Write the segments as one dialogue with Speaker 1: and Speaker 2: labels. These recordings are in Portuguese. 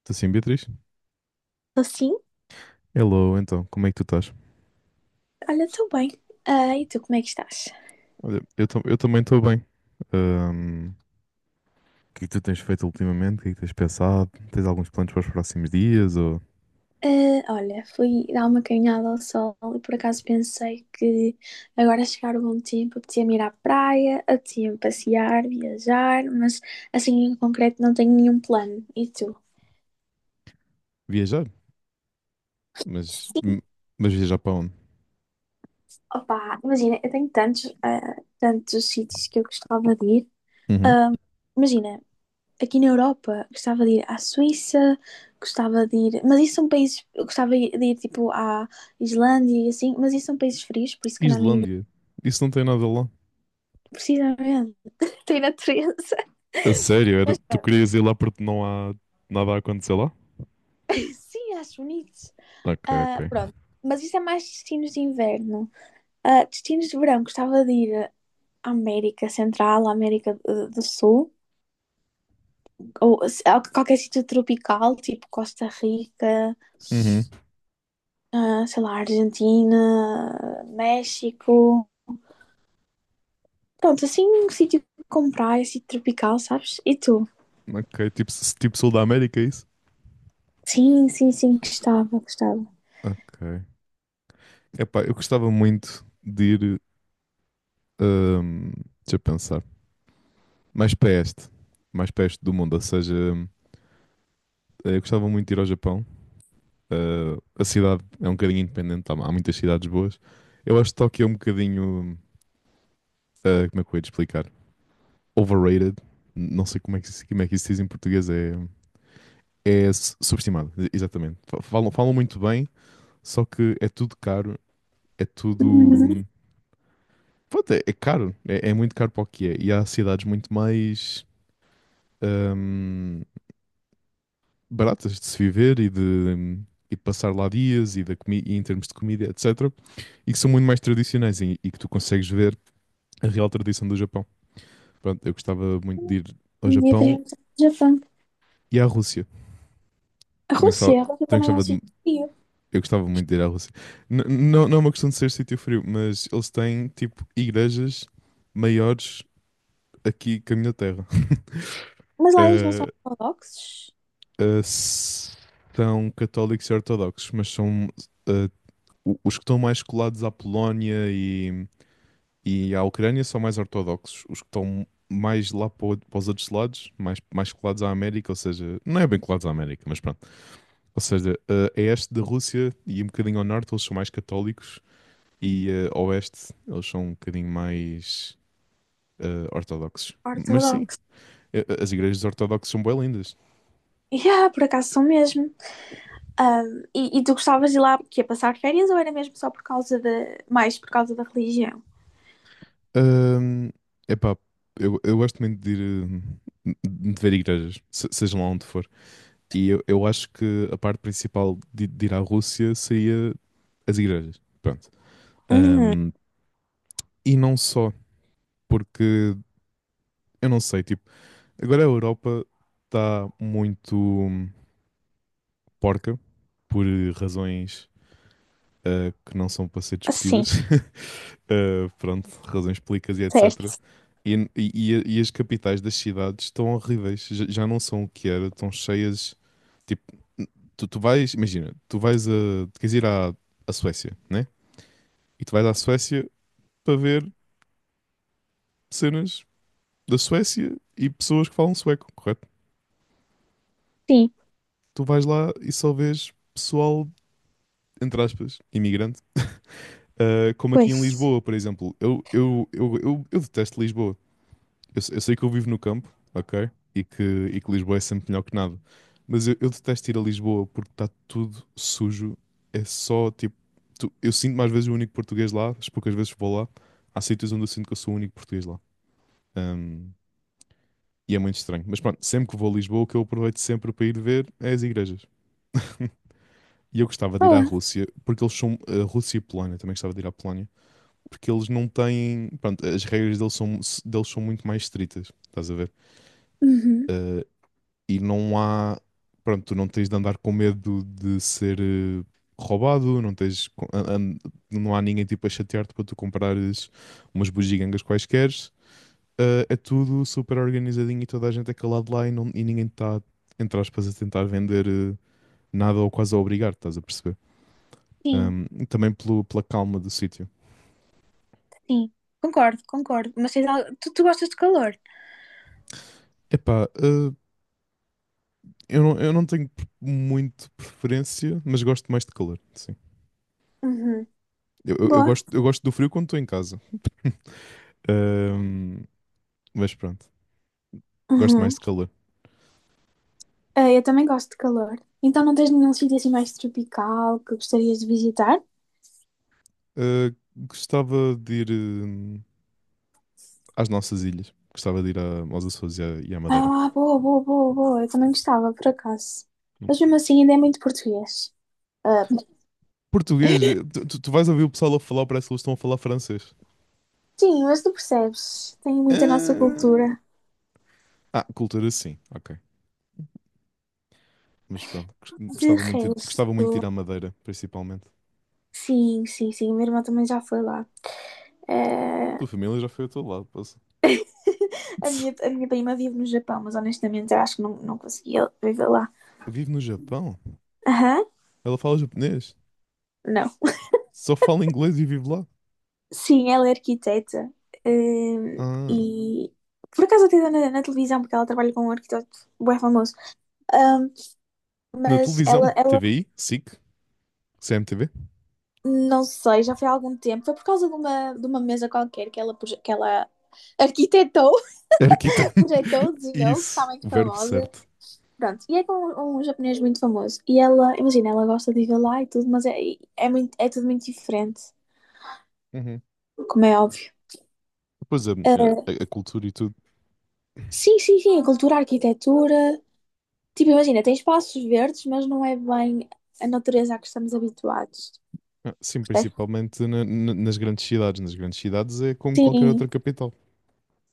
Speaker 1: Estou sim, Beatriz?
Speaker 2: Tô sim,
Speaker 1: Hello, então, como é que tu estás?
Speaker 2: olha, estou bem. Ah, e tu, como é que estás?
Speaker 1: Olha, eu também estou bem. O que é que tu tens feito ultimamente? O que é que tens pensado? Tens alguns planos para os próximos dias? Ou
Speaker 2: Ah, olha, fui dar uma caminhada ao sol e por acaso pensei que agora a chegar o bom tempo, apetecia-me ir à praia, apetecia-me passear, viajar, mas assim em concreto não tenho nenhum plano. E tu?
Speaker 1: viajar? Mas,
Speaker 2: Sim,
Speaker 1: m- mas viajar para onde?
Speaker 2: opá, imagina, eu tenho tantos, tantos sítios que eu gostava de ir.
Speaker 1: Uhum.
Speaker 2: Ah, imagina, aqui na Europa. Gostava de ir à Suíça, gostava de ir. Mas isso são países. Eu gostava de ir tipo à Islândia e assim, mas isso são países frios, por isso que calhar não ia.
Speaker 1: Islândia. Isso não tem nada lá.
Speaker 2: Precisamente. Tem natureza.
Speaker 1: A sério? Era,
Speaker 2: Mas
Speaker 1: tu
Speaker 2: pronto.
Speaker 1: querias ir lá porque não há nada a acontecer lá?
Speaker 2: Sim, acho bonito.
Speaker 1: Ok, ok.
Speaker 2: Ah, pronto. Mas isso é mais destinos de inverno. Ah, destinos de verão, gostava de ir à América Central, à América do Sul, ou a qualquer sítio tropical, tipo Costa Rica,
Speaker 1: Uhum.
Speaker 2: ah, sei lá, Argentina, México. Pronto, assim um sítio com praia, sítio tropical, sabes? E tu?
Speaker 1: Ok, tipo Sul da América, é isso?
Speaker 2: Sim, sim, sim, gostava, gostava.
Speaker 1: Ok. Epá, eu gostava muito de ir. ahm, deixa eu pensar. mais para este, mais para este do mundo. Ou seja, eu gostava muito de ir ao Japão. A cidade é um bocadinho independente, há muitas cidades boas. Eu acho que Tóquio é um bocadinho, como é que eu ia te explicar? Overrated. Não sei como é que, como é que isso se diz em português, é subestimado, exatamente. Falam muito bem, só que é tudo caro, é tudo.
Speaker 2: Uhum.
Speaker 1: hum, Pronto, é caro, é muito caro para o que é. E há cidades muito mais hum, baratas de se viver e de passar lá dias e, da comi e em termos de comida, etc. E que são muito mais tradicionais e que tu consegues ver a real tradição do Japão. Pronto, eu gostava muito de ir ao
Speaker 2: E
Speaker 1: Japão
Speaker 2: faríamos no Japão.
Speaker 1: e à Rússia.
Speaker 2: A
Speaker 1: Também gostava,
Speaker 2: Rússia, a Rússia
Speaker 1: também
Speaker 2: também é um
Speaker 1: gostava
Speaker 2: sítio
Speaker 1: de-
Speaker 2: frio.
Speaker 1: Eu gostava muito de ir à Rússia. N- não, não é uma questão de ser sítio frio, mas eles têm tipo igrejas maiores aqui que a minha terra.
Speaker 2: Mas lá eles não são
Speaker 1: Eh,
Speaker 2: ortodoxos.
Speaker 1: eh, s- são católicos e ortodoxos, mas são eh, os que estão mais colados à Polónia e a Ucrânia são mais ortodoxos. Os que estão mais lá para, para os outros lados, mais colados à América, ou seja, não é bem colados à América, mas pronto. Ou seja, a este da Rússia e um bocadinho ao norte, eles são mais católicos e a oeste, eles são um bocadinho mais ortodoxos. Mas sim,
Speaker 2: Ortodoxos.
Speaker 1: as igrejas ortodoxas são bem lindas.
Speaker 2: Yeah, por acaso são mesmo. E tu gostavas de ir lá porque ia passar férias ou era mesmo só por causa da, mais por causa da religião?
Speaker 1: Ahm, epá, eu gosto muito de ir, de ver igrejas, seja lá onde for. E eu acho que a parte principal de ir à Rússia seria as igrejas. Pronto.
Speaker 2: Uhum.
Speaker 1: Um, e não só, porque eu não sei, tipo, agora a Europa está muito porca por razões que não são para ser
Speaker 2: Sim,
Speaker 1: discutidas. Pronto, razões públicas e etc.
Speaker 2: certo.
Speaker 1: E as capitais das cidades estão horríveis, já não são o que era, estão cheias. Tipo, tu vais, imagina, tu vais a, tu queres ir à, à Suécia, né? E tu vais à Suécia para ver cenas da Suécia e pessoas que falam sueco, correto?
Speaker 2: Sim,
Speaker 1: Tu vais lá e só vês pessoal, entre aspas, imigrante, como aqui em
Speaker 2: pois.
Speaker 1: Lisboa, por exemplo. Eu detesto Lisboa. Eu, se- eu sei que eu vivo no campo, ok? E que Lisboa é sempre melhor que nada. Mas eu detesto ir a Lisboa porque está tudo sujo. É só tipo, eu sinto mais vezes o único português lá, as poucas vezes que vou lá. Há sítios onde eu sinto que eu sou o único português lá. Ahm, e é muito estranho. Mas pronto, sempre que vou a Lisboa, o que eu aproveito sempre para ir ver é as igrejas. E eu gostava de ir à
Speaker 2: Boa.
Speaker 1: Rússia, porque eles são. A Rússia e Polónia, também gostava de ir à Polónia, porque eles não têm. Pronto, as regras deles são muito mais estritas, estás a ver?
Speaker 2: Uhum.
Speaker 1: Eh, e não há. Pronto, tu não tens de andar com medo de ser roubado, não tens. Não há ninguém tipo a chatear-te para tu comprares umas bugigangas quaisquer. É tudo super organizadinho e toda a gente é calado lá e, não, e ninguém está, entre aspas, a tentar vender nada ou quase a obrigar, estás a perceber?
Speaker 2: Sim,
Speaker 1: E também pela calma do sítio.
Speaker 2: sim. Concordo, concordo. Mas tu gostas de calor?
Speaker 1: Epá, eu não tenho muito preferência, mas gosto mais de calor, sim.
Speaker 2: Uhum.
Speaker 1: Eu, eu- eu
Speaker 2: Boa.
Speaker 1: gosto, eu gosto do frio quando estou em casa. Ahm, mas pronto, gosto mais
Speaker 2: Uhum.
Speaker 1: de calor.
Speaker 2: Ah, eu também gosto de calor. Então não tens nenhum sítio assim mais tropical que gostarias de visitar?
Speaker 1: Ah, gostava de ir às nossas ilhas. Gostava de ir aos Açores e à Madeira.
Speaker 2: Ah, boa, boa, boa, boa. Eu também gostava, por acaso. Mas mesmo assim ainda é muito português. Ah,
Speaker 1: Português, tu vais ouvir o pessoal a falar, parece que eles estão a falar francês.
Speaker 2: sim, mas tu percebes. Tem muito a nossa cultura.
Speaker 1: Cultura sim, ok. Mas pronto, gos-
Speaker 2: De
Speaker 1: gostava muito, de- gostava
Speaker 2: resto.
Speaker 1: muito de ir à Madeira, principalmente.
Speaker 2: Sim, sim, sim. Minha irmã também já foi lá. Eh,
Speaker 1: Tua família já foi ao teu lado, passa.
Speaker 2: A minha, a minha prima vive no Japão, mas honestamente eu acho que não, não conseguia viver lá.
Speaker 1: Vive no Japão?
Speaker 2: Aham.
Speaker 1: Ela fala japonês? Só fala inglês e vive lá?
Speaker 2: Sim, ela é arquiteta. hum,
Speaker 1: Ah,
Speaker 2: e por acaso até dá na televisão, porque ela trabalha com um arquiteto bem famoso. Hum,
Speaker 1: na
Speaker 2: mas ela,
Speaker 1: televisão?
Speaker 2: ela,
Speaker 1: TVI? SIC? CMTV?
Speaker 2: não sei, já foi há algum tempo. Foi por causa de uma, mesa qualquer que ela, que ela arquitetou,
Speaker 1: Arquitan.
Speaker 2: projetou, desenhou, que está
Speaker 1: Isso,
Speaker 2: muito
Speaker 1: o verbo
Speaker 2: famosa.
Speaker 1: certo.
Speaker 2: Pronto, e é com um japonês muito famoso. E ela, imagina, ela gosta de ir lá e tudo, mas é, muito, é tudo muito diferente,
Speaker 1: Uhum.
Speaker 2: como é óbvio.
Speaker 1: Pois é,
Speaker 2: Hum.
Speaker 1: a cultura e tudo.
Speaker 2: Sim, sim, sim, a cultura, a arquitetura. Tipo, imagina, tem espaços verdes, mas não é bem a natureza a que estamos habituados.
Speaker 1: Ah, sim,
Speaker 2: Percebes?
Speaker 1: principalmente nas grandes cidades. Nas grandes cidades é como qualquer
Speaker 2: Sim,
Speaker 1: outra capital.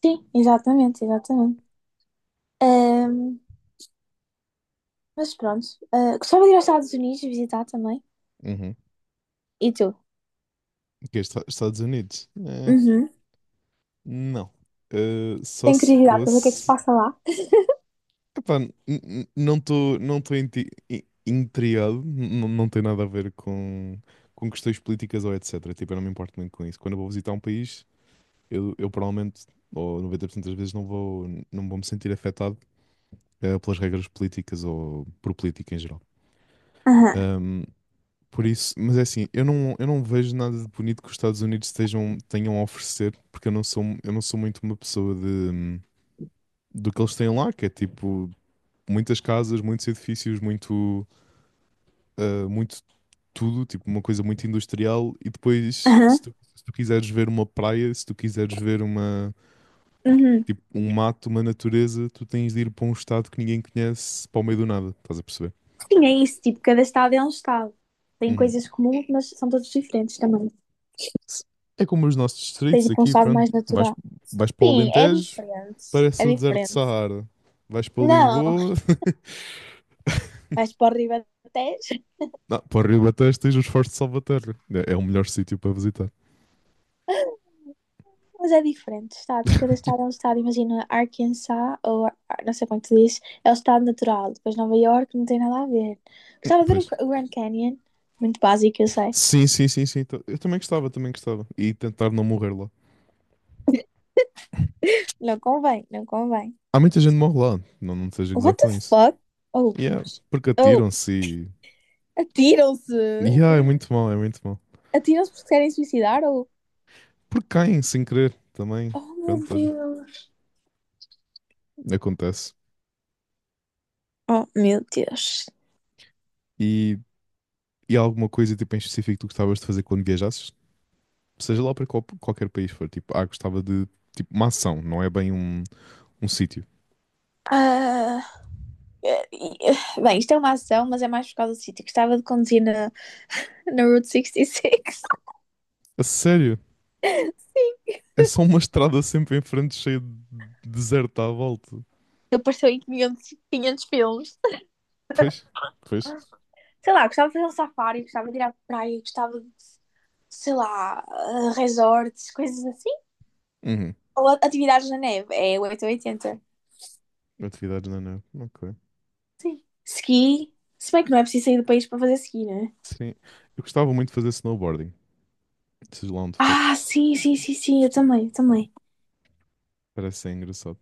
Speaker 2: sim, exatamente, exatamente. Ahm, mas pronto, ah, gostava de ir aos Estados Unidos visitar também.
Speaker 1: Uhum.
Speaker 2: E tu?
Speaker 1: Que é Estados Unidos?
Speaker 2: Uhum.
Speaker 1: Não. Só
Speaker 2: Tenho
Speaker 1: se
Speaker 2: curiosidade para ver o que é que se
Speaker 1: fosse
Speaker 2: passa lá.
Speaker 1: Epá, não estou intrigado, não tem nada a ver com, questões políticas ou etc. Tipo, eu não me importo muito com isso. Quando eu vou visitar um país, eu provavelmente, ou 90% das vezes, não vou me sentir afetado pelas regras políticas ou por política em geral.
Speaker 2: Aham,
Speaker 1: Ahm, por isso, mas é assim, eu não vejo nada de bonito que os Estados Unidos estejam, tenham a oferecer, porque eu não sou muito uma pessoa do que eles têm lá, que é tipo muitas casas, muitos edifícios, muito. Muito tudo, tipo uma coisa muito industrial, e depois,
Speaker 2: aham,
Speaker 1: se tu quiseres ver uma praia, se tu quiseres ver uma,
Speaker 2: uhum.
Speaker 1: tipo, um mato, uma natureza, tu tens de ir para um estado que ninguém conhece, para o meio do nada, estás a perceber?
Speaker 2: Sim, é isso, tipo, cada estado é um estado. Tem
Speaker 1: Uhum.
Speaker 2: coisas comuns, mas são todos diferentes também.
Speaker 1: Se- É como os nossos
Speaker 2: Tens
Speaker 1: distritos
Speaker 2: tipo um
Speaker 1: aqui,
Speaker 2: estado
Speaker 1: pronto.
Speaker 2: mais
Speaker 1: Vais,
Speaker 2: natural.
Speaker 1: vais para o
Speaker 2: Sim, é
Speaker 1: Alentejo,
Speaker 2: diferente, é
Speaker 1: parece o deserto de
Speaker 2: diferente.
Speaker 1: Saara. Vais para
Speaker 2: Não,
Speaker 1: Lisboa,
Speaker 2: vais para o Ribatejo.
Speaker 1: não, para o Rio Batejo tens os Fortes de Salvaterra. É o melhor sítio para visitar.
Speaker 2: Mas é diferente, estados. Cada estado é um estado. Imagina, Arkansas, ou não sei como é que se diz, é o estado natural. Depois Nova York não tem nada a ver. Gostava de ver
Speaker 1: Pois.
Speaker 2: o Grand Canyon. Muito básico, eu sei.
Speaker 1: Sim, sim, sim, sim. Eu também gostava, também gostava. E tentar não morrer lá.
Speaker 2: Não convém, não convém.
Speaker 1: Há muita gente que morre lá, não, não te seja gozar
Speaker 2: What the
Speaker 1: com isso.
Speaker 2: fuck? Oh,
Speaker 1: Yeah, porque
Speaker 2: oh,
Speaker 1: atiram-se e.
Speaker 2: atiram-se!
Speaker 1: Yeah, é muito mal, é muito mal.
Speaker 2: Atiram-se porque querem suicidar ou.
Speaker 1: Porque caem sem querer também.
Speaker 2: Oh, meu
Speaker 1: Pronto, olha,
Speaker 2: Deus!
Speaker 1: acontece.
Speaker 2: Oh, meu Deus.
Speaker 1: E, e há alguma coisa tipo, em específico que tu gostavas de fazer quando viajasses? Seja lá para qualquer país for, tipo, gostava de. Tipo, uma ação, não é bem um sítio.
Speaker 2: Ah, bem, isto é uma ação, mas é mais por causa do sítio. Gostava de conduzir na Route 66.
Speaker 1: A sério?
Speaker 2: Sim,
Speaker 1: É só uma estrada sempre em frente cheia de deserto à volta.
Speaker 2: eu apareceu em 500, 500 filmes.
Speaker 1: Pois, pois.
Speaker 2: Sei lá, gostava de fazer um safari, gostava de ir à praia, gostava de, sei lá, resorts, coisas assim.
Speaker 1: Uhum.
Speaker 2: Ou atividades na neve, é 880.
Speaker 1: Atividades na neve. Ok.
Speaker 2: Ski, se bem que não é preciso sair do país para fazer ski, né?
Speaker 1: Sim. Eu gostava muito de fazer snowboarding, seja lá onde for.
Speaker 2: Ah, sim, sim, sim, sim, eu também, eu também.
Speaker 1: Parece ser engraçado.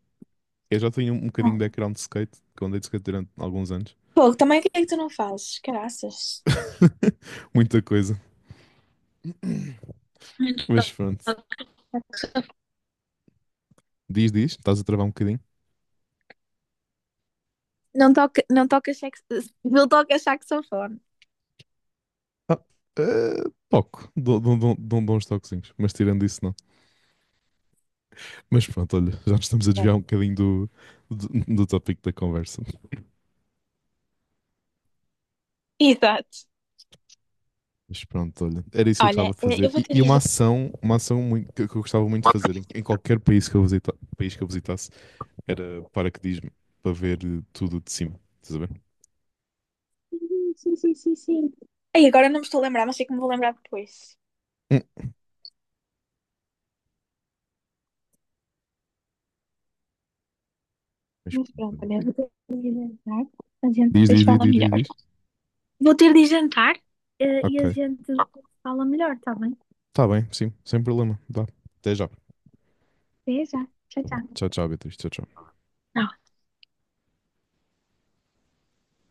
Speaker 1: Eu já tenho um bocadinho
Speaker 2: Ah.
Speaker 1: de background de skate, que eu andei de skate durante alguns anos.
Speaker 2: Pô, também o que é que tu não fazes? Caraças.
Speaker 1: Muita coisa. Mas pronto. Diz, diz, estás a travar um bocadinho?
Speaker 2: Não toca, não toca saxofone.
Speaker 1: Ah, pouco. Dou uns toquezinhos, mas tirando isso, não. Mas pronto, olha, já nos estamos a
Speaker 2: Bom.
Speaker 1: desviar um bocadinho do, do, do tópico da conversa.
Speaker 2: Exato.
Speaker 1: Mas pronto, olha, era isso que eu gostava
Speaker 2: Olha,
Speaker 1: de
Speaker 2: eu
Speaker 1: fazer.
Speaker 2: vou
Speaker 1: E,
Speaker 2: te
Speaker 1: e
Speaker 2: dizer.
Speaker 1: uma ação muito, que eu gostava muito de fazer em qualquer país que eu visitasse era paraquedismo, para ver tudo de cima. Estás a ver?
Speaker 2: Sim, sim, sim, sim, sim. Ei, agora não me estou a lembrar, mas sei que me vou lembrar depois.
Speaker 1: Mas
Speaker 2: Mas
Speaker 1: pronto,
Speaker 2: pronto,
Speaker 1: olha.
Speaker 2: olha, vou ter de ir jantar. A gente
Speaker 1: Diz,
Speaker 2: depois
Speaker 1: diz, diz,
Speaker 2: fala
Speaker 1: diz, diz,
Speaker 2: melhor.
Speaker 1: diz.
Speaker 2: Vou ter de ir jantar, e
Speaker 1: Ok.
Speaker 2: a gente fala melhor, está bem?
Speaker 1: Tá bem, sim, sem problema. Dá. Até já.
Speaker 2: Até já. Tchau,
Speaker 1: Então vá.
Speaker 2: tchau.
Speaker 1: Tchau, tchau, Beatriz. Tchau, tchau.
Speaker 2: Tá.